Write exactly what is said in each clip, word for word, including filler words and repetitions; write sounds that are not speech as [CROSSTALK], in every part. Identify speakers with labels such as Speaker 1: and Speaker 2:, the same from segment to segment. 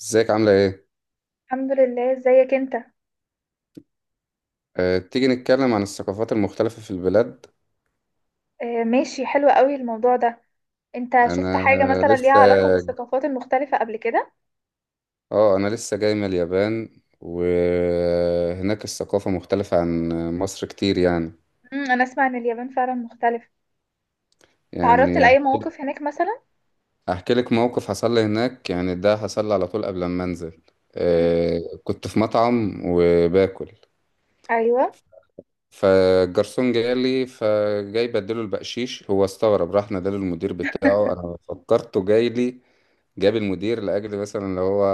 Speaker 1: ازيك عاملة ايه؟
Speaker 2: الحمد لله، ازيك انت؟
Speaker 1: أه تيجي نتكلم عن الثقافات المختلفة في البلاد.
Speaker 2: آه ماشي، حلو قوي الموضوع ده. انت شفت
Speaker 1: انا
Speaker 2: حاجة مثلا ليها
Speaker 1: لسه
Speaker 2: علاقة بالثقافات المختلفة قبل كده؟
Speaker 1: اه انا لسه جاي من اليابان وهناك الثقافة مختلفة عن مصر كتير يعني.
Speaker 2: امم انا اسمع ان اليابان فعلا مختلفة. تعرضت
Speaker 1: يعني
Speaker 2: لأي
Speaker 1: هحكي
Speaker 2: مواقف هناك مثلا؟
Speaker 1: هحكي لك موقف حصل لي هناك، يعني ده حصل لي على طول قبل ما انزل.
Speaker 2: امم،
Speaker 1: أه كنت في مطعم وباكل،
Speaker 2: ايوه،
Speaker 1: فالجرسون جاي لي، فجاي بديله البقشيش، هو استغرب، راح نادى المدير بتاعه، انا فكرته جاي لي جاب المدير لاجل مثلا اللي هو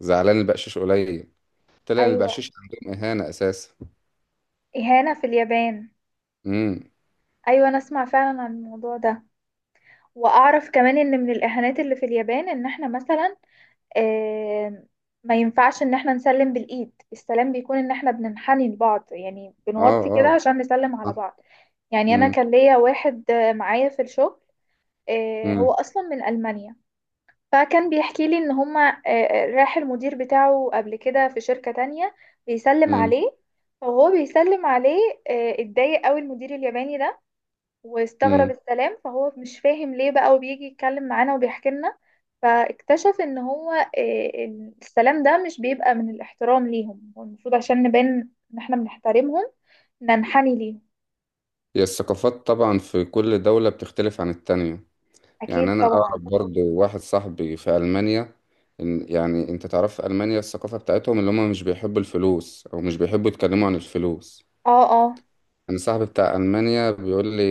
Speaker 1: زعلان البقشيش قليل. طلع
Speaker 2: ايوه.
Speaker 1: البقشيش عندهم اهانه اساسا.
Speaker 2: اهانة في اليابان؟
Speaker 1: امم
Speaker 2: ايوه، انا اسمع فعلا عن الموضوع ده. واعرف كمان ان من الاهانات اللي في اليابان ان احنا مثلا آه، ما ينفعش ان احنا نسلم بالايد. السلام بيكون ان احنا بننحني لبعض، يعني
Speaker 1: اه
Speaker 2: بنوطي كده
Speaker 1: اه،
Speaker 2: عشان نسلم على
Speaker 1: صح.
Speaker 2: بعض. يعني انا
Speaker 1: امم
Speaker 2: كان ليا واحد آه، معايا في الشغل، آه، هو
Speaker 1: امم
Speaker 2: اصلا من المانيا. فكان بيحكي لي ان هما آه، راح المدير بتاعه قبل كده في شركة تانية بيسلم
Speaker 1: امم
Speaker 2: عليه. فهو بيسلم عليه، آه، اتضايق قوي المدير الياباني ده واستغرب
Speaker 1: امم
Speaker 2: السلام، فهو مش فاهم ليه بقى، وبيجي يتكلم معانا وبيحكي لنا. فاكتشف ان هو آه، إن السلام ده مش بيبقى من الاحترام ليهم. هو المفروض عشان نبان ان احنا بنحترمهم ننحني ليهم.
Speaker 1: هي الثقافات طبعا في كل دوله بتختلف عن التانية. يعني
Speaker 2: اكيد
Speaker 1: انا
Speaker 2: طبعا.
Speaker 1: اعرف برضو واحد صاحبي في المانيا، إن- يعني انت تعرف في المانيا الثقافه بتاعتهم اللي هم مش بيحبوا الفلوس او مش بيحبوا يتكلموا عن الفلوس.
Speaker 2: اه اه.
Speaker 1: انا صاحبي بتاع المانيا بيقول لي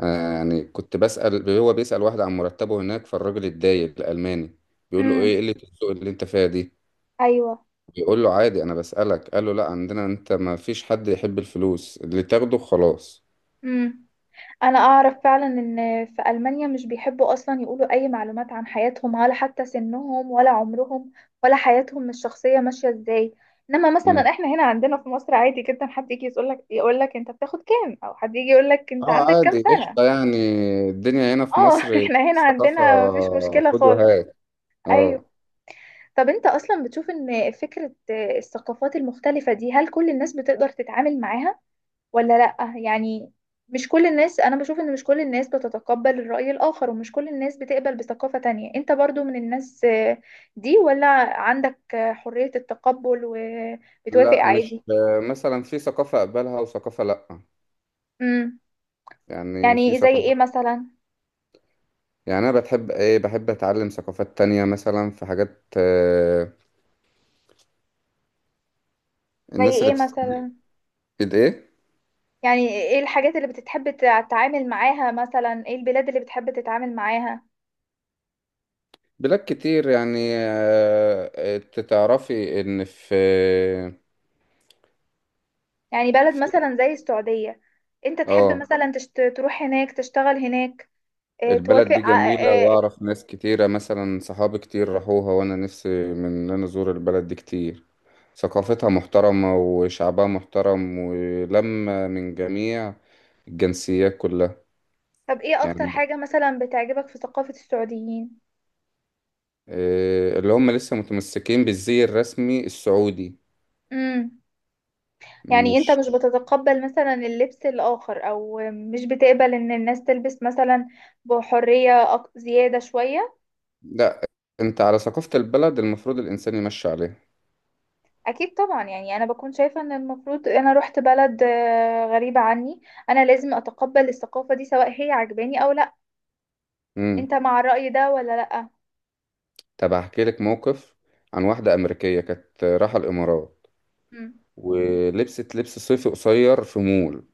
Speaker 1: آه، يعني كنت بسأل، هو بيسأل واحد عن مرتبه هناك، فالراجل اتضايق الألماني، بيقول له
Speaker 2: امم.
Speaker 1: ايه قلة الذوق اللي انت فيها دي.
Speaker 2: ايوه.
Speaker 1: بيقول له عادي انا بسألك، قال له لا عندنا انت ما فيش حد يحب الفلوس اللي تاخده خلاص.
Speaker 2: امم. انا اعرف فعلا ان في المانيا مش بيحبوا اصلا يقولوا اي معلومات عن حياتهم، ولا حتى سنهم ولا عمرهم ولا حياتهم الشخصيه ماشيه ازاي. انما
Speaker 1: مم.
Speaker 2: مثلا احنا هنا عندنا في مصر عادي جدا حد يجي يقول لك، يقول لك انت بتاخد كام، او حد يجي يقول لك انت
Speaker 1: اه
Speaker 2: عندك كام
Speaker 1: عادي
Speaker 2: سنه.
Speaker 1: قشطة يعني، الدنيا هنا في
Speaker 2: اه [LAUGHS]
Speaker 1: مصر
Speaker 2: احنا هنا
Speaker 1: ثقافة
Speaker 2: عندنا مفيش مشكله
Speaker 1: خد
Speaker 2: خالص.
Speaker 1: وهات. اه
Speaker 2: ايوه. طب انت اصلا بتشوف ان فكره الثقافات المختلفه دي هل كل الناس بتقدر تتعامل معاها ولا لأ؟ يعني مش كل الناس. أنا بشوف إن مش كل الناس بتتقبل الرأي الآخر، ومش كل الناس بتقبل بثقافة تانية. أنت برضو من الناس آه، دي ولا عندك آه، حرية التقبل وبتوافق
Speaker 1: لا مش،
Speaker 2: عادي؟
Speaker 1: آه، مثلا في ثقافة أقبلها وثقافة لأ.
Speaker 2: امم.
Speaker 1: يعني في
Speaker 2: يعني زي إيه
Speaker 1: ثقافة،
Speaker 2: مثلا؟
Speaker 1: يعني أنا بتحب إيه، بحب أتعلم ثقافات تانية، مثلا في حاجات آه،
Speaker 2: زي
Speaker 1: الناس اللي
Speaker 2: إيه
Speaker 1: بتتعلم
Speaker 2: مثلا؟
Speaker 1: الايه.
Speaker 2: يعني إيه الحاجات اللي بتحب تتعامل معاها مثلا؟ إيه البلاد اللي بتحب تتعامل معاها؟
Speaker 1: بلاد كتير يعني، آه، انت تعرفي ان في
Speaker 2: يعني بلد
Speaker 1: في-
Speaker 2: مثلا زي السعودية؟ أنت تحب
Speaker 1: اه
Speaker 2: مثلا تشت... تروح هناك تشتغل هناك، آه،
Speaker 1: البلد
Speaker 2: توافق؟
Speaker 1: دي
Speaker 2: آه،.
Speaker 1: جميلة،
Speaker 2: آه،
Speaker 1: واعرف ناس كتيرة مثلا صحابي كتير راحوها، وانا نفسي من ان انا ازور البلد دي كتير. ثقافتها محترمة وشعبها محترم ولما من جميع الجنسيات كلها.
Speaker 2: طب ايه اكتر
Speaker 1: يعني
Speaker 2: حاجة مثلا بتعجبك في ثقافة السعوديين؟
Speaker 1: آه، اللي هم لسه متمسكين بالزي الرسمي السعودي،
Speaker 2: امم. يعني انت
Speaker 1: مش
Speaker 2: مش بتتقبل مثلا اللبس الاخر، او مش بتقبل ان الناس تلبس مثلا بحرية أك- زيادة شوية؟
Speaker 1: لا، انت على ثقافة البلد المفروض الانسان يمشي عليها.
Speaker 2: اكيد طبعا. يعني انا بكون شايفة ان المفروض انا رحت بلد آه، غريبة عني، انا لازم اتقبل الثقافة دي سواء هي عجباني او لا. انت مع الرأي ده ولا لا؟
Speaker 1: طب هحكي لك موقف عن واحدة أمريكية كانت رايحة الإمارات،
Speaker 2: امم.
Speaker 1: ولبست لبس صيفي قصير في مول.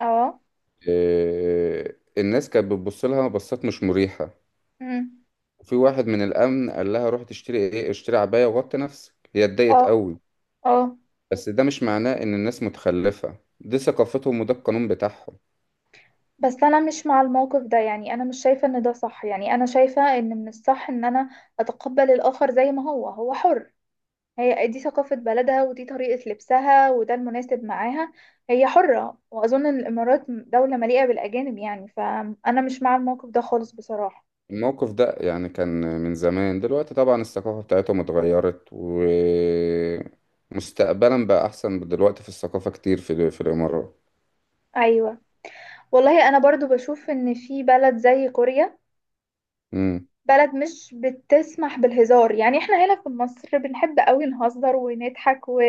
Speaker 2: اه.
Speaker 1: إيه، الناس كانت بتبص لها بصات مش مريحة،
Speaker 2: امم.
Speaker 1: وفي واحد من الأمن قال لها روح تشتري إيه اشتري عباية وغطي نفسك، هي اتضايقت
Speaker 2: اه
Speaker 1: قوي.
Speaker 2: اه.
Speaker 1: بس ده مش معناه إن الناس متخلفة، دي ثقافتهم وده القانون بتاعهم.
Speaker 2: بس انا مش مع الموقف ده. يعني انا مش شايفة ان ده صح. يعني انا شايفة ان من الصح ان انا اتقبل الاخر زي ما هو. هو حر. هي دي ثقافة بلدها، ودي طريقة لبسها، وده المناسب معاها. هي حرة، واظن إن الامارات دولة مليئة بالاجانب. يعني فانا مش مع الموقف ده خالص بصراحة.
Speaker 1: الموقف ده يعني كان من زمان، دلوقتي طبعا الثقافة بتاعتهم اتغيرت ومستقبلا بقى أحسن دلوقتي في الثقافة كتير في في الإمارات.
Speaker 2: ايوه. والله انا برضو بشوف ان في بلد زي كوريا،
Speaker 1: مم.
Speaker 2: بلد مش بتسمح بالهزار. يعني احنا هنا في مصر بنحب قوي نهزر ونضحك و...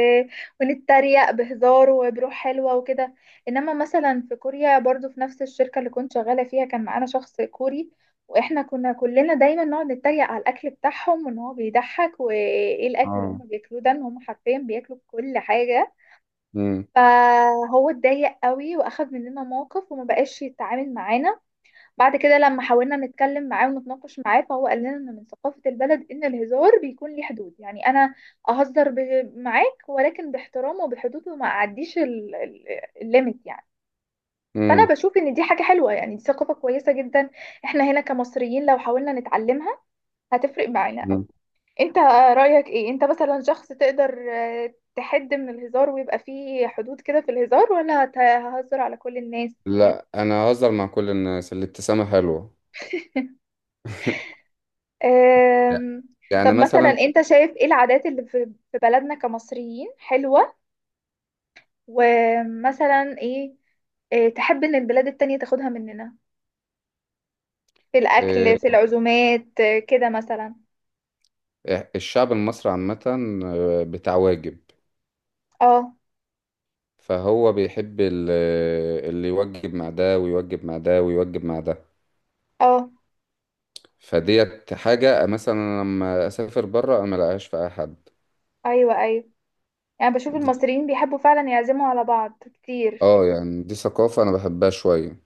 Speaker 2: ونتريق بهزار وبروح حلوة وكده. انما مثلا في كوريا، برضو في نفس الشركة اللي كنت شغالة فيها كان معانا شخص كوري. واحنا كنا كلنا دايما نقعد نتريق على الاكل بتاعهم، وان هو بيضحك وايه الاكل اللي
Speaker 1: اه.
Speaker 2: هم بياكلوه ده، ان هم حرفيا بياكلوا كل حاجة.
Speaker 1: امم
Speaker 2: فهو اتضايق قوي، واخد مننا موقف وما بقاش يتعامل معانا. بعد كده لما حاولنا نتكلم معاه ونتناقش معاه، فهو قال لنا ان من ثقافة البلد ان الهزار بيكون ليه حدود. يعني انا اهزر ب- معاك ولكن باحترام وبحدود، وما اعديش ال- ال- الليميت يعني. فانا
Speaker 1: امم
Speaker 2: بشوف ان دي حاجة حلوة، يعني دي ثقافة كويسة جدا. احنا هنا كمصريين لو حاولنا نتعلمها، هتفرق معانا قوي.
Speaker 1: أمم.
Speaker 2: انت رأيك ايه؟ انت مثلا شخص تقدر آه، تحد من الهزار ويبقى فيه حدود كده في الهزار، ولا هت- ههزر على كل الناس؟
Speaker 1: لا انا اهزر مع كل الناس، الابتسامه حلوه. [LAUGHS]
Speaker 2: أم،
Speaker 1: يعني
Speaker 2: طب مثلا
Speaker 1: مثلا في-
Speaker 2: انت شايف ايه العادات اللي في في بلدنا كمصريين حلوة؟ ومثلا ايه إيه، تحب ان البلاد التانية تاخدها مننا؟ في
Speaker 1: آه،
Speaker 2: الاكل، في العزومات، إيه، كده مثلا.
Speaker 1: الشعب المصري عامه آه، بتاع واجب،
Speaker 2: اه
Speaker 1: فهو بيحب ال- آه، اللي يوجب مع ده ويوجب مع ده ويوجب مع ده.
Speaker 2: اه.
Speaker 1: فديت حاجه مثلا أنا لما اسافر بره انا ملاقيهاش في اي حد.
Speaker 2: ايوه ايوه. يعني بشوف المصريين بيحبوا فعلا يعزموا على بعض كتير.
Speaker 1: اه يعني دي ثقافه انا بحبها شويه.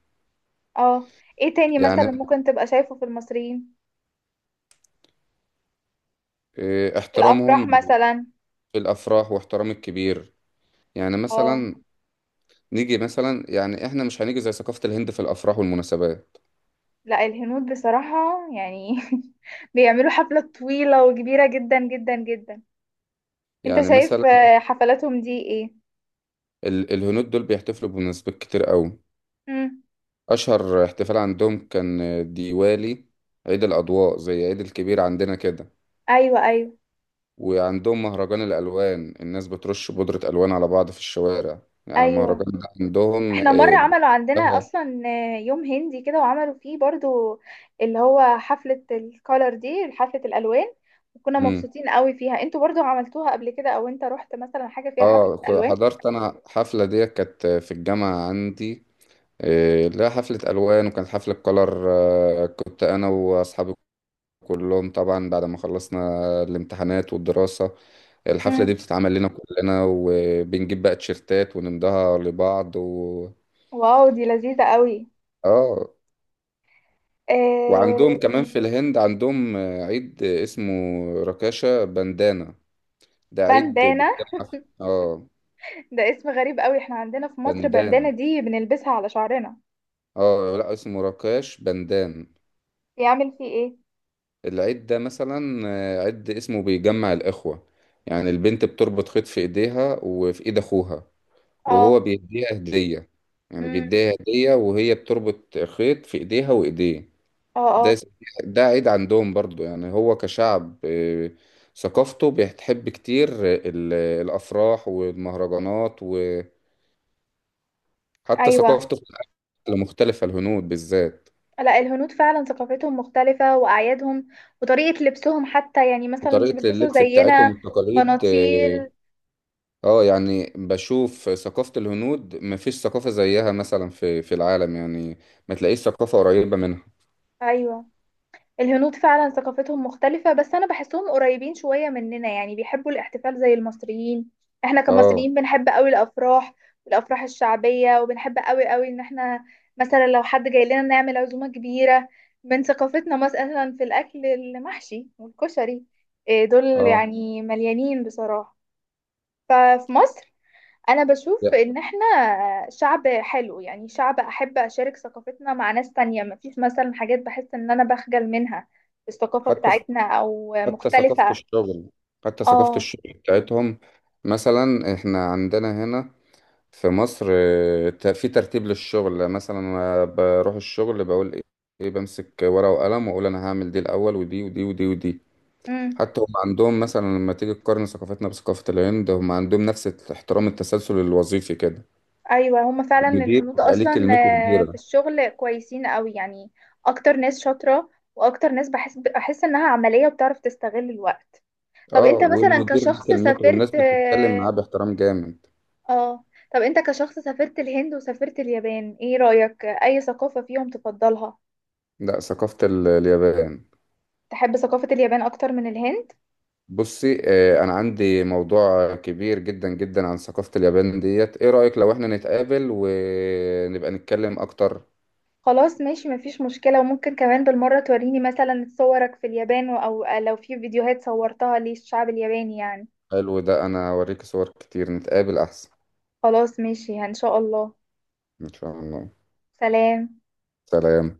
Speaker 2: اه. ايه تاني مثلا
Speaker 1: يعني
Speaker 2: ممكن تبقى شايفه في المصريين؟
Speaker 1: آه،
Speaker 2: في الافراح
Speaker 1: احترامهم
Speaker 2: مثلا.
Speaker 1: في الافراح، واحترام الكبير. يعني
Speaker 2: اه.
Speaker 1: مثلا نيجي مثلا، يعني احنا مش هنيجي زي ثقافة الهند في الافراح والمناسبات.
Speaker 2: لا الهنود بصراحة يعني [LAUGHS] بيعملوا حفلة طويلة وكبيرة جدا جدا جدا. انت
Speaker 1: يعني
Speaker 2: شايف
Speaker 1: مثلا
Speaker 2: آه، حفلاتهم دي ايه؟
Speaker 1: ال- الهنود دول بيحتفلوا بمناسبات كتير قوي.
Speaker 2: امم.
Speaker 1: اشهر احتفال عندهم كان ديوالي، عيد الاضواء زي عيد الكبير عندنا كده.
Speaker 2: ايوه ايوه
Speaker 1: وعندهم مهرجان الالوان، الناس بترش بودرة الوان على بعض في الشوارع، يعني
Speaker 2: ايوه.
Speaker 1: المهرجان ده عندهم.
Speaker 2: احنا مره عملوا عندنا
Speaker 1: اه.
Speaker 2: اصلا آه، يوم هندي كده، وعملوا فيه برضو اللي هو حفله الكولر دي، حفله الالوان. وكنا
Speaker 1: مم.
Speaker 2: مبسوطين قوي فيها. انتوا برضو عملتوها قبل كده؟ او انت رحت مثلا حاجه فيها حفله
Speaker 1: آه، ك-
Speaker 2: الوان؟
Speaker 1: حضرت انا حفلة ديت كانت في الجامعة عندي، إيه، لا حفلة ألوان وكانت حفلة كولر. آه، كنت أنا وأصحاب كلهم طبعا بعد ما خلصنا الامتحانات والدراسة، الحفلة
Speaker 2: امم.
Speaker 1: دي بتتعمل لنا كلنا، وبنجيب بقى تيشيرتات ونمضها لبعض و...
Speaker 2: واو، دي لذيذه قوي.
Speaker 1: اه. وعندهم
Speaker 2: آه.
Speaker 1: كمان في الهند عندهم عيد اسمه راكاشا بندانا. ده عيد
Speaker 2: بندانه؟
Speaker 1: بيتجمع في- اه
Speaker 2: ده اسم غريب قوي. احنا عندنا في مصر بندانه
Speaker 1: بندان،
Speaker 2: دي بنلبسها على شعرنا.
Speaker 1: اه لا اسمه راكاش بندان.
Speaker 2: يعمل فيه ايه؟
Speaker 1: العيد ده مثلا عيد اسمه بيجمع الإخوة، يعني البنت بتربط خيط في ايديها وفي ايد اخوها، وهو
Speaker 2: اه.
Speaker 1: بيديها هدية. يعني
Speaker 2: امم.
Speaker 1: بيديها هدية، وهي بتربط خيط في ايديها وايديه.
Speaker 2: اه
Speaker 1: ده
Speaker 2: اه.
Speaker 1: ده عيد عندهم برضو. يعني هو كشعب آه، ثقافته بتحب كتير ال- الأفراح والمهرجانات، وحتى
Speaker 2: ايوه.
Speaker 1: ثقافته في الأكل مختلفة الهنود بالذات،
Speaker 2: لا الهنود فعلا ثقافتهم مختلفة، وأعيادهم وطريقة لبسهم حتى. يعني مثلا مش
Speaker 1: وطريقة
Speaker 2: بيلبسوا
Speaker 1: اللبس بتاعتهم
Speaker 2: زينا
Speaker 1: والتقاليد. اه
Speaker 2: بناطيل.
Speaker 1: آه، يعني بشوف ثقافة الهنود مفيش ثقافة زيها مثلا في في العالم، يعني ما تلاقيش ثقافة قريبة منها.
Speaker 2: أيوة. الهنود فعلا ثقافتهم مختلفة، بس أنا بحسهم قريبين شوية مننا. يعني بيحبوا الاحتفال زي المصريين. احنا
Speaker 1: اه
Speaker 2: كمصريين بنحب قوي الأفراح والأفراح الشعبية، وبنحب قوي قوي إن احنا مثلا لو حد جاي لنا نعمل عزومة كبيرة. من ثقافتنا مثلا في الأكل المحشي والكشري، إيه، دول
Speaker 1: اه
Speaker 2: يعني مليانين بصراحة. ففي مصر انا بشوف
Speaker 1: لا.
Speaker 2: ان احنا شعب حلو. يعني شعب احب اشارك ثقافتنا مع ناس تانية، مفيش مثلا حاجات بحس ان انا بخجل منها في الثقافة
Speaker 1: حتى
Speaker 2: بتاعتنا او
Speaker 1: حتى ثقافة
Speaker 2: مختلفة.
Speaker 1: الشغل حتى ثقافة
Speaker 2: اه.
Speaker 1: الشغل بتاعتهم. مثلا احنا عندنا هنا في مصر اه، ت- في ترتيب للشغل، مثلا أنا بروح الشغل بقول ايه، إيه، بمسك ورقة وقلم واقول انا هعمل دي الاول ودي ودي ودي ودي.
Speaker 2: امم.
Speaker 1: حتى هم عندهم، مثلا لما تيجي تقارن ثقافتنا بثقافة الهند، هم عندهم نفس احترام التسلسل الوظيفي كده،
Speaker 2: ايوه، هما فعلا
Speaker 1: المدير
Speaker 2: الهنود
Speaker 1: بيبقى ليه
Speaker 2: اصلا
Speaker 1: كلمته
Speaker 2: آه، في
Speaker 1: كبيرة.
Speaker 2: الشغل كويسين قوي يعني. اكتر ناس شاطرة، واكتر ناس بحس بحس انها عملية وبتعرف تستغل الوقت. طب
Speaker 1: اه
Speaker 2: انت مثلا
Speaker 1: والمدير ليه
Speaker 2: كشخص
Speaker 1: كلمته والناس
Speaker 2: سافرت
Speaker 1: بتتكلم
Speaker 2: اه،
Speaker 1: معاه باحترام جامد.
Speaker 2: آه، طب انت كشخص سافرت الهند وسافرت اليابان، ايه رأيك؟ اي ثقافة فيهم تفضلها؟
Speaker 1: لا ثقافة ال- اليابان.
Speaker 2: تحب ثقافة اليابان أكتر من الهند؟
Speaker 1: بصي، آه، انا عندي موضوع كبير جدا جدا عن ثقافة اليابان ديت، ايه رأيك لو احنا نتقابل ونبقى نتكلم اكتر.
Speaker 2: خلاص ماشي، مفيش مشكلة. وممكن كمان بالمرة توريني مثلا صورك في اليابان، أو آه، لو في فيديوهات صورتها للشعب الياباني يعني.
Speaker 1: حلو ده، انا اوريك صور كتير، نتقابل احسن.
Speaker 2: خلاص ماشي، إن شاء الله.
Speaker 1: ان شاء الله.
Speaker 2: سلام.
Speaker 1: سلام.